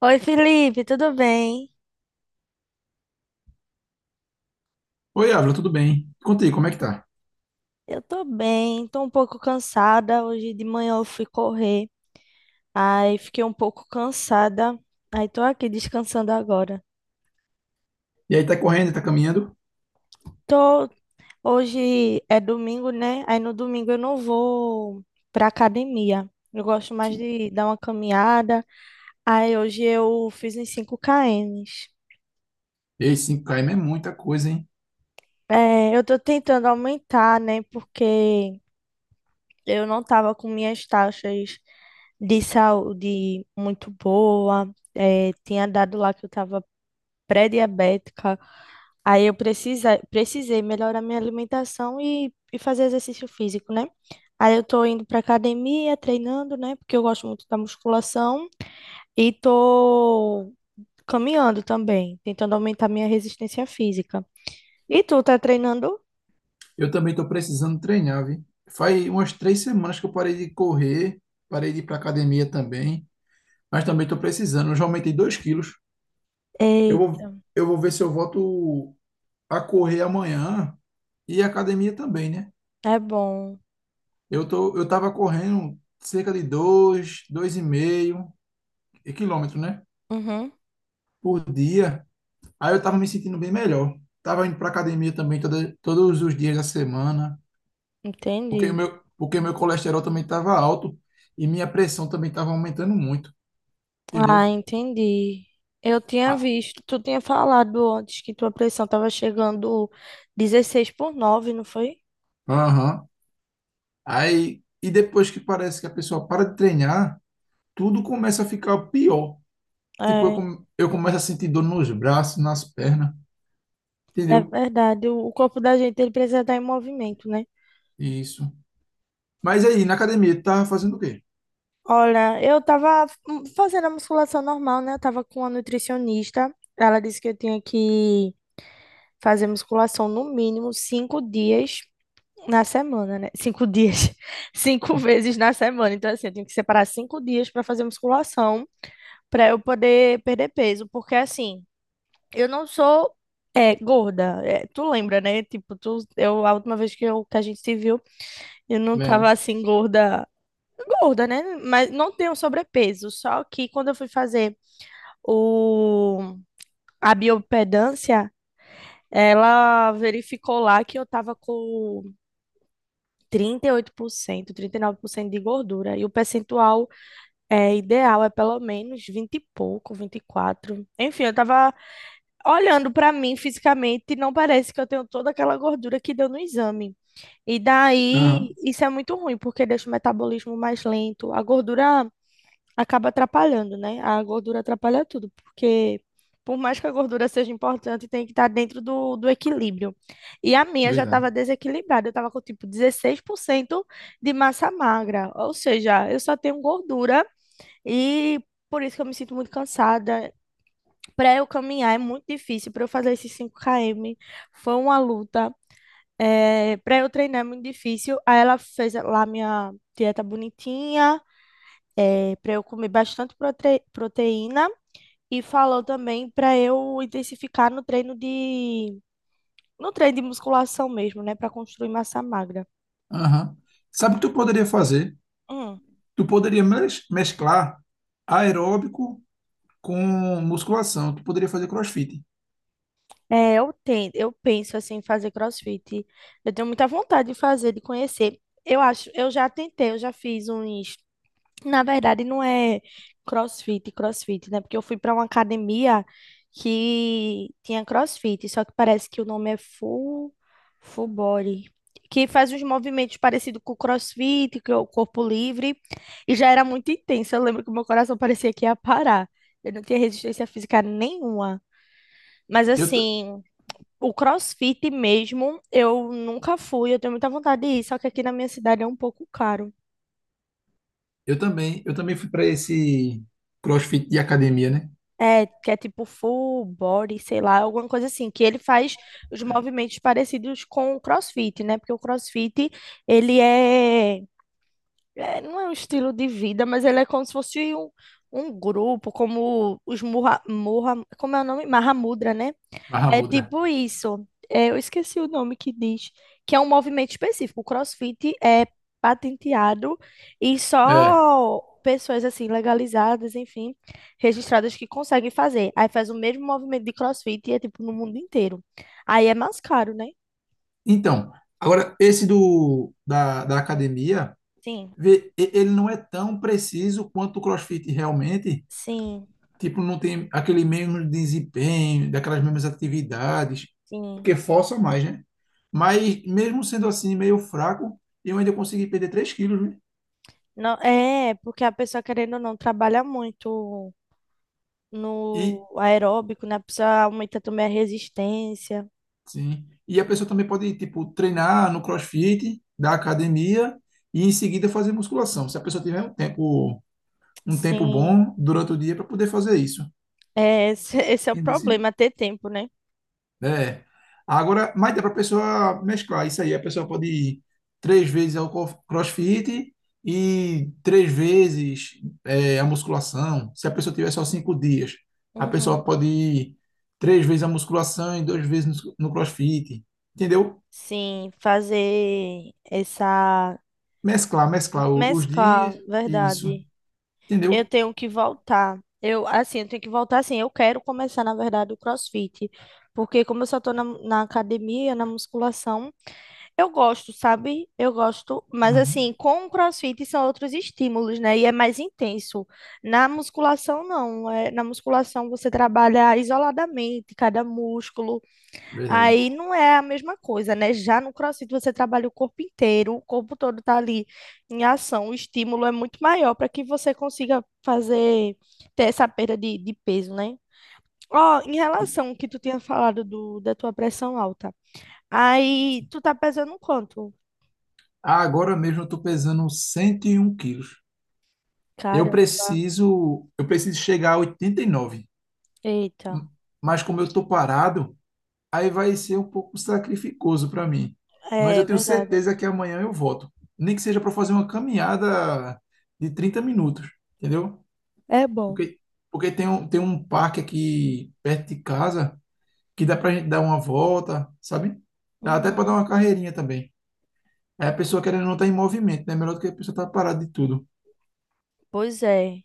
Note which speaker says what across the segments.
Speaker 1: Oi, Felipe, tudo bem?
Speaker 2: Oi, Ávila, tudo bem? Conta aí, como é que tá?
Speaker 1: Eu tô bem, tô um pouco cansada. Hoje de manhã eu fui correr, aí fiquei um pouco cansada, aí tô aqui descansando agora.
Speaker 2: E aí, tá correndo, tá caminhando?
Speaker 1: Tô. Hoje é domingo, né? Aí no domingo eu não vou pra academia. Eu gosto mais de dar uma caminhada. Aí hoje eu fiz uns 5 km.
Speaker 2: Ei, 5 km é muita coisa, hein?
Speaker 1: É, eu tô tentando aumentar, né? Porque eu não estava com minhas taxas de saúde muito boa, tinha dado lá que eu estava pré-diabética. Aí eu precisei melhorar minha alimentação e fazer exercício físico, né? Aí eu tô indo pra academia, treinando, né? Porque eu gosto muito da musculação e tô caminhando também, tentando aumentar minha resistência física. E tu tá treinando?
Speaker 2: Eu também tô precisando treinar, viu? Faz umas 3 semanas que eu parei de correr, parei de ir pra academia também, mas também tô precisando. Eu já aumentei 2 quilos. Eu
Speaker 1: Eita,
Speaker 2: vou, eu vou ver se eu volto a correr amanhã e a academia também, né?
Speaker 1: é bom.
Speaker 2: Eu tava correndo cerca de dois e meio quilômetros, né?
Speaker 1: Uhum,
Speaker 2: Por dia. Aí eu tava me sentindo bem melhor. Tava indo pra academia também todos os dias da semana, porque o
Speaker 1: entendi.
Speaker 2: meu, porque meu colesterol também tava alto e minha pressão também tava aumentando muito,
Speaker 1: Ah,
Speaker 2: entendeu?
Speaker 1: entendi. Eu tinha
Speaker 2: Ah,
Speaker 1: visto, tu tinha falado antes que tua pressão tava chegando 16 por 9, não foi?
Speaker 2: aham. Aí, e depois que parece que a pessoa para de treinar, tudo começa a ficar pior. Tipo, eu,
Speaker 1: É,
Speaker 2: come- eu começo a sentir dor nos braços, nas pernas,
Speaker 1: é
Speaker 2: entendeu?
Speaker 1: verdade. O corpo da gente, ele precisa estar em movimento, né?
Speaker 2: Isso. Mas aí, na academia, tu tava fazendo o quê?
Speaker 1: Olha, eu tava fazendo a musculação normal, né? Eu tava com a nutricionista. Ela disse que eu tinha que fazer musculação no mínimo 5 dias na semana, né? 5 dias. Cinco vezes na semana. Então, assim, eu tenho que separar 5 dias para fazer musculação, para eu poder perder peso. Porque, assim, eu não sou é, gorda. É, tu lembra, né? Tipo, tu, eu, a última vez que, eu, que a gente se viu, eu não
Speaker 2: Lembro.
Speaker 1: tava assim, gorda. Gorda, né? Mas não tenho sobrepeso. Só que quando eu fui fazer o, a biopedância, ela verificou lá que eu tava com trinta e oito por cento, 39% de gordura. E o percentual é ideal, é pelo menos 20 e pouco, 24. Enfim, eu tava olhando pra mim fisicamente e não parece que eu tenho toda aquela gordura que deu no exame. E daí,
Speaker 2: Aham,
Speaker 1: isso é muito ruim, porque deixa o metabolismo mais lento. A gordura acaba atrapalhando, né? A gordura atrapalha tudo, porque por mais que a gordura seja importante, tem que estar dentro do equilíbrio. E a minha já estava
Speaker 2: verdade.
Speaker 1: desequilibrada, eu estava com tipo 16% de massa magra, ou seja, eu só tenho gordura e por isso que eu me sinto muito cansada. Para eu caminhar é muito difícil, para eu fazer esses 5 km foi uma luta. É, para eu treinar é muito difícil. Aí ela fez lá minha dieta bonitinha, para eu comer bastante proteína e falou também para eu intensificar no treino de musculação mesmo, né, para construir massa magra.
Speaker 2: Aham. Sabe o que tu poderia fazer?
Speaker 1: Hum.
Speaker 2: Tu poderia mesclar aeróbico com musculação. Tu poderia fazer CrossFit.
Speaker 1: É, eu penso assim em fazer CrossFit. Eu tenho muita vontade de fazer, de conhecer. Eu acho, eu já tentei, eu já fiz uns Na verdade, não é CrossFit, CrossFit, né? Porque eu fui para uma academia que tinha CrossFit, só que parece que o nome é Full Body, que faz uns movimentos parecidos com o CrossFit, que é o corpo livre, e já era muito intenso. Eu lembro que o meu coração parecia que ia parar. Eu não tinha resistência física nenhuma. Mas
Speaker 2: Eu, ta-
Speaker 1: assim, o CrossFit mesmo, eu nunca fui, eu tenho muita vontade de ir, só que aqui na minha cidade é um pouco caro.
Speaker 2: eu também fui para esse CrossFit de academia, né?
Speaker 1: É, que é tipo full body, sei lá, alguma coisa assim, que ele faz os movimentos parecidos com o CrossFit, né? Porque o CrossFit, ele é, não é um estilo de vida, mas ele é como se fosse um grupo, como os Murra, Murra, como é o nome? Mahamudra, né? É
Speaker 2: Mahamudra.
Speaker 1: tipo isso. É, eu esqueci o nome que diz, que é um movimento específico. O CrossFit é patenteado e
Speaker 2: É.
Speaker 1: só pessoas assim legalizadas, enfim, registradas que conseguem fazer. Aí faz o mesmo movimento de CrossFit e é tipo no mundo inteiro. Aí é mais caro, né?
Speaker 2: Então, agora esse do da academia,
Speaker 1: Sim,
Speaker 2: ele não é tão preciso quanto o CrossFit realmente.
Speaker 1: sim,
Speaker 2: Tipo, não tem aquele mesmo desempenho, daquelas mesmas atividades,
Speaker 1: sim.
Speaker 2: porque força mais, né? Mas mesmo sendo assim meio fraco, eu ainda consegui perder 3 quilos.
Speaker 1: Não, é, porque a pessoa querendo ou não trabalha muito no
Speaker 2: E,
Speaker 1: aeróbico, né? A pessoa aumenta também a resistência.
Speaker 2: sim. E a pessoa também pode, tipo, treinar no CrossFit da academia e em seguida fazer musculação. Se a pessoa tiver um tempo, um tempo
Speaker 1: Sim.
Speaker 2: bom durante o dia para poder fazer isso.
Speaker 1: É, esse, esse é o
Speaker 2: Entendi, sim.
Speaker 1: problema, ter tempo, né?
Speaker 2: É. Agora, mas dá para a pessoa mesclar isso aí. A pessoa pode ir 3 vezes ao CrossFit e 3 vezes a musculação. Se a pessoa tiver só 5 dias, a
Speaker 1: Uhum.
Speaker 2: pessoa pode ir três vezes a musculação e 2 vezes no CrossFit. Entendeu?
Speaker 1: Sim, fazer essa.
Speaker 2: Mesclar os
Speaker 1: Mesclar,
Speaker 2: dias e isso.
Speaker 1: verdade. Eu
Speaker 2: Entendeu?
Speaker 1: tenho que voltar. Eu, assim, eu tenho que voltar, assim, eu quero começar, na verdade, o CrossFit. Porque como eu só tô na academia, na musculação, eu gosto, sabe? Eu gosto, mas
Speaker 2: Aham,
Speaker 1: assim, com o CrossFit são outros estímulos, né? E é mais intenso. Na musculação, não. É, na musculação você trabalha isoladamente, cada músculo.
Speaker 2: verdade.
Speaker 1: Aí não é a mesma coisa, né? Já no CrossFit você trabalha o corpo inteiro, o corpo todo tá ali em ação, o estímulo é muito maior para que você consiga fazer, ter essa perda de peso, né? Ó, em
Speaker 2: E-
Speaker 1: relação ao que tu tinha falado do, da tua pressão alta, aí tu tá pesando quanto?
Speaker 2: ah, agora mesmo eu tô pesando 101 quilos. Eu
Speaker 1: Caramba,
Speaker 2: preciso, eu preciso chegar a 89.
Speaker 1: eita,
Speaker 2: M- Mas como eu tô parado, aí vai ser um pouco sacrificoso para mim. Mas
Speaker 1: é
Speaker 2: eu tenho
Speaker 1: verdade.
Speaker 2: certeza que amanhã eu volto. Nem que seja para fazer uma caminhada de 30 minutos, entendeu?
Speaker 1: É bom.
Speaker 2: Porque, porque tem um parque aqui perto de casa que dá pra gente dar uma volta, sabe? Dá até pra dar
Speaker 1: Uhum.
Speaker 2: uma carreirinha também. Aí a pessoa querendo não tá em movimento, né? Melhor do que a pessoa tá parada de tudo.
Speaker 1: Pois é.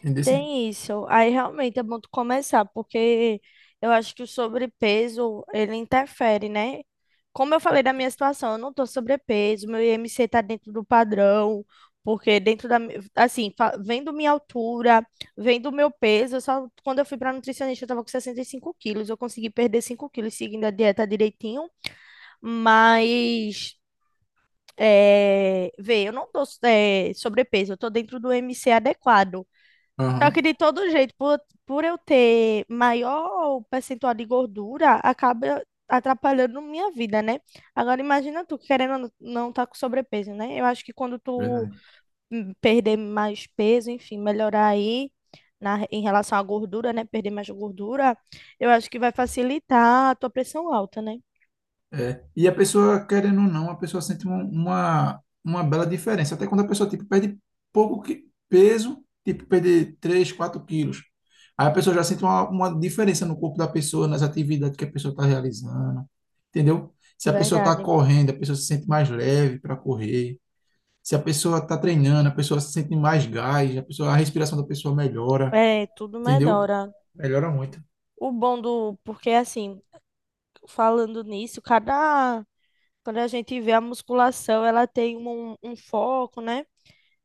Speaker 2: Entendeu? Assim?
Speaker 1: Tem isso. Aí realmente é bom tu começar, porque eu acho que o sobrepeso, ele interfere, né? Como eu falei da minha situação, eu não tô sobrepeso, meu IMC tá dentro do padrão, porque dentro da, assim, vendo minha altura, vendo meu peso, eu só quando eu fui pra nutricionista eu tava com 65 quilos, eu consegui perder 5 quilos seguindo a dieta direitinho, mas, é, vê, eu não tô, é, sobrepeso, eu tô dentro do IMC adequado. Só
Speaker 2: Aham,
Speaker 1: que de todo jeito, por eu ter maior percentual de gordura, acaba atrapalhando minha vida, né? Agora imagina tu querendo ou não não tá com sobrepeso, né? Eu acho que quando tu
Speaker 2: verdade.
Speaker 1: perder mais peso, enfim, melhorar aí na, em relação à gordura, né? Perder mais gordura, eu acho que vai facilitar a tua pressão alta, né?
Speaker 2: É. E a pessoa querendo ou não, a pessoa sente uma bela diferença. Até quando a pessoa, tipo, perde pouco peso, tipo, perder 3, 4 quilos. Aí a pessoa já sente uma diferença no corpo da pessoa, nas atividades que a pessoa está realizando, entendeu? Se a pessoa está
Speaker 1: Verdade.
Speaker 2: correndo, a pessoa se sente mais leve para correr. Se a pessoa está treinando, a pessoa se sente mais gás, a pessoa, a respiração da pessoa melhora,
Speaker 1: É, tudo
Speaker 2: entendeu?
Speaker 1: melhora.
Speaker 2: Melhora muito.
Speaker 1: O bom do, porque assim, falando nisso, cada Quando a gente vê a musculação, ela tem um foco, né?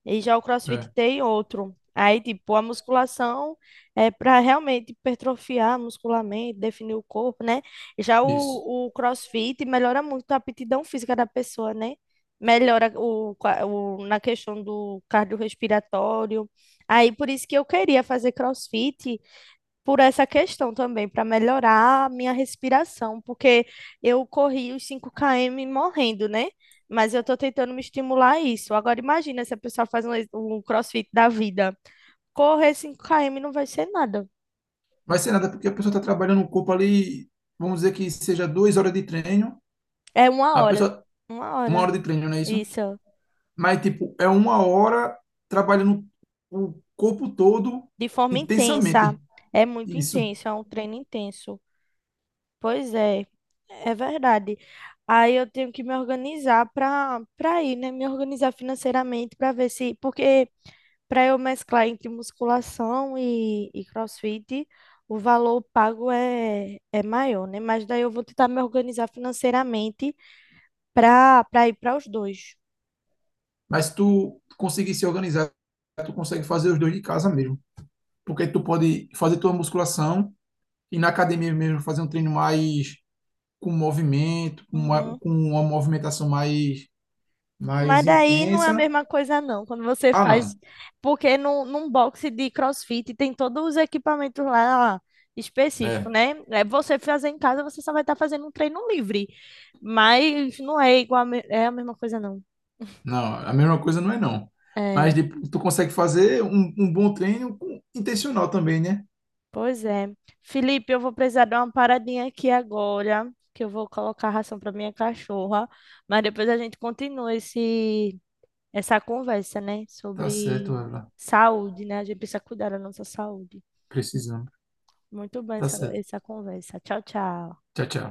Speaker 1: E já o CrossFit
Speaker 2: É,
Speaker 1: tem outro. Aí, tipo, a musculação é para realmente hipertrofiar muscularmente, definir o corpo, né? Já
Speaker 2: isso.
Speaker 1: o CrossFit melhora muito a aptidão física da pessoa, né? Melhora na questão do cardiorrespiratório. Aí, por isso que eu queria fazer CrossFit por essa questão também, para melhorar a minha respiração, porque eu corri os 5 km morrendo, né? Mas eu estou tentando me estimular a isso. Agora imagina se a pessoa faz um CrossFit da vida. Correr 5 km não vai ser nada.
Speaker 2: Vai ser nada porque a pessoa está trabalhando o corpo ali, vamos dizer que seja 2 horas de treino,
Speaker 1: É uma
Speaker 2: a
Speaker 1: hora.
Speaker 2: pessoa,
Speaker 1: Uma
Speaker 2: 1 hora
Speaker 1: hora.
Speaker 2: de treino, não é isso?
Speaker 1: Isso.
Speaker 2: Mas, tipo, é 1 hora trabalhando o corpo todo
Speaker 1: De forma intensa.
Speaker 2: intensamente.
Speaker 1: É muito
Speaker 2: Isso.
Speaker 1: intenso, é um treino intenso. Pois é, é verdade. Aí eu tenho que me organizar para ir, né? Me organizar financeiramente para ver se. Porque Para eu mesclar entre musculação e CrossFit, o valor pago é maior, né? Mas daí eu vou tentar me organizar financeiramente para ir para os dois.
Speaker 2: Mas se tu conseguir se organizar, tu consegue fazer os dois de casa mesmo. Porque tu pode fazer tua musculação e na academia mesmo fazer um treino mais com movimento, com uma,
Speaker 1: Uhum.
Speaker 2: com uma movimentação mais,
Speaker 1: Mas
Speaker 2: mais
Speaker 1: daí não é a
Speaker 2: intensa.
Speaker 1: mesma coisa, não, quando você
Speaker 2: Ah,
Speaker 1: faz.
Speaker 2: não.
Speaker 1: Porque no, num boxe de CrossFit tem todos os equipamentos lá específicos,
Speaker 2: É.
Speaker 1: né? É, você fazer em casa, você só vai estar fazendo um treino livre. Mas não é igual, é a mesma coisa, não.
Speaker 2: Não, a mesma coisa não é não. Mas
Speaker 1: É.
Speaker 2: tu consegue fazer um bom treino intencional também, né?
Speaker 1: Pois é. Felipe, eu vou precisar dar uma paradinha aqui agora, que eu vou colocar a ração para minha cachorra, mas depois a gente continua esse essa conversa, né,
Speaker 2: Tá certo,
Speaker 1: sobre
Speaker 2: Evelyn.
Speaker 1: saúde, né? A gente precisa cuidar da nossa saúde.
Speaker 2: Precisamos.
Speaker 1: Muito bem
Speaker 2: Tá
Speaker 1: essa,
Speaker 2: certo.
Speaker 1: essa conversa. Tchau, tchau.
Speaker 2: Tchau, tchau.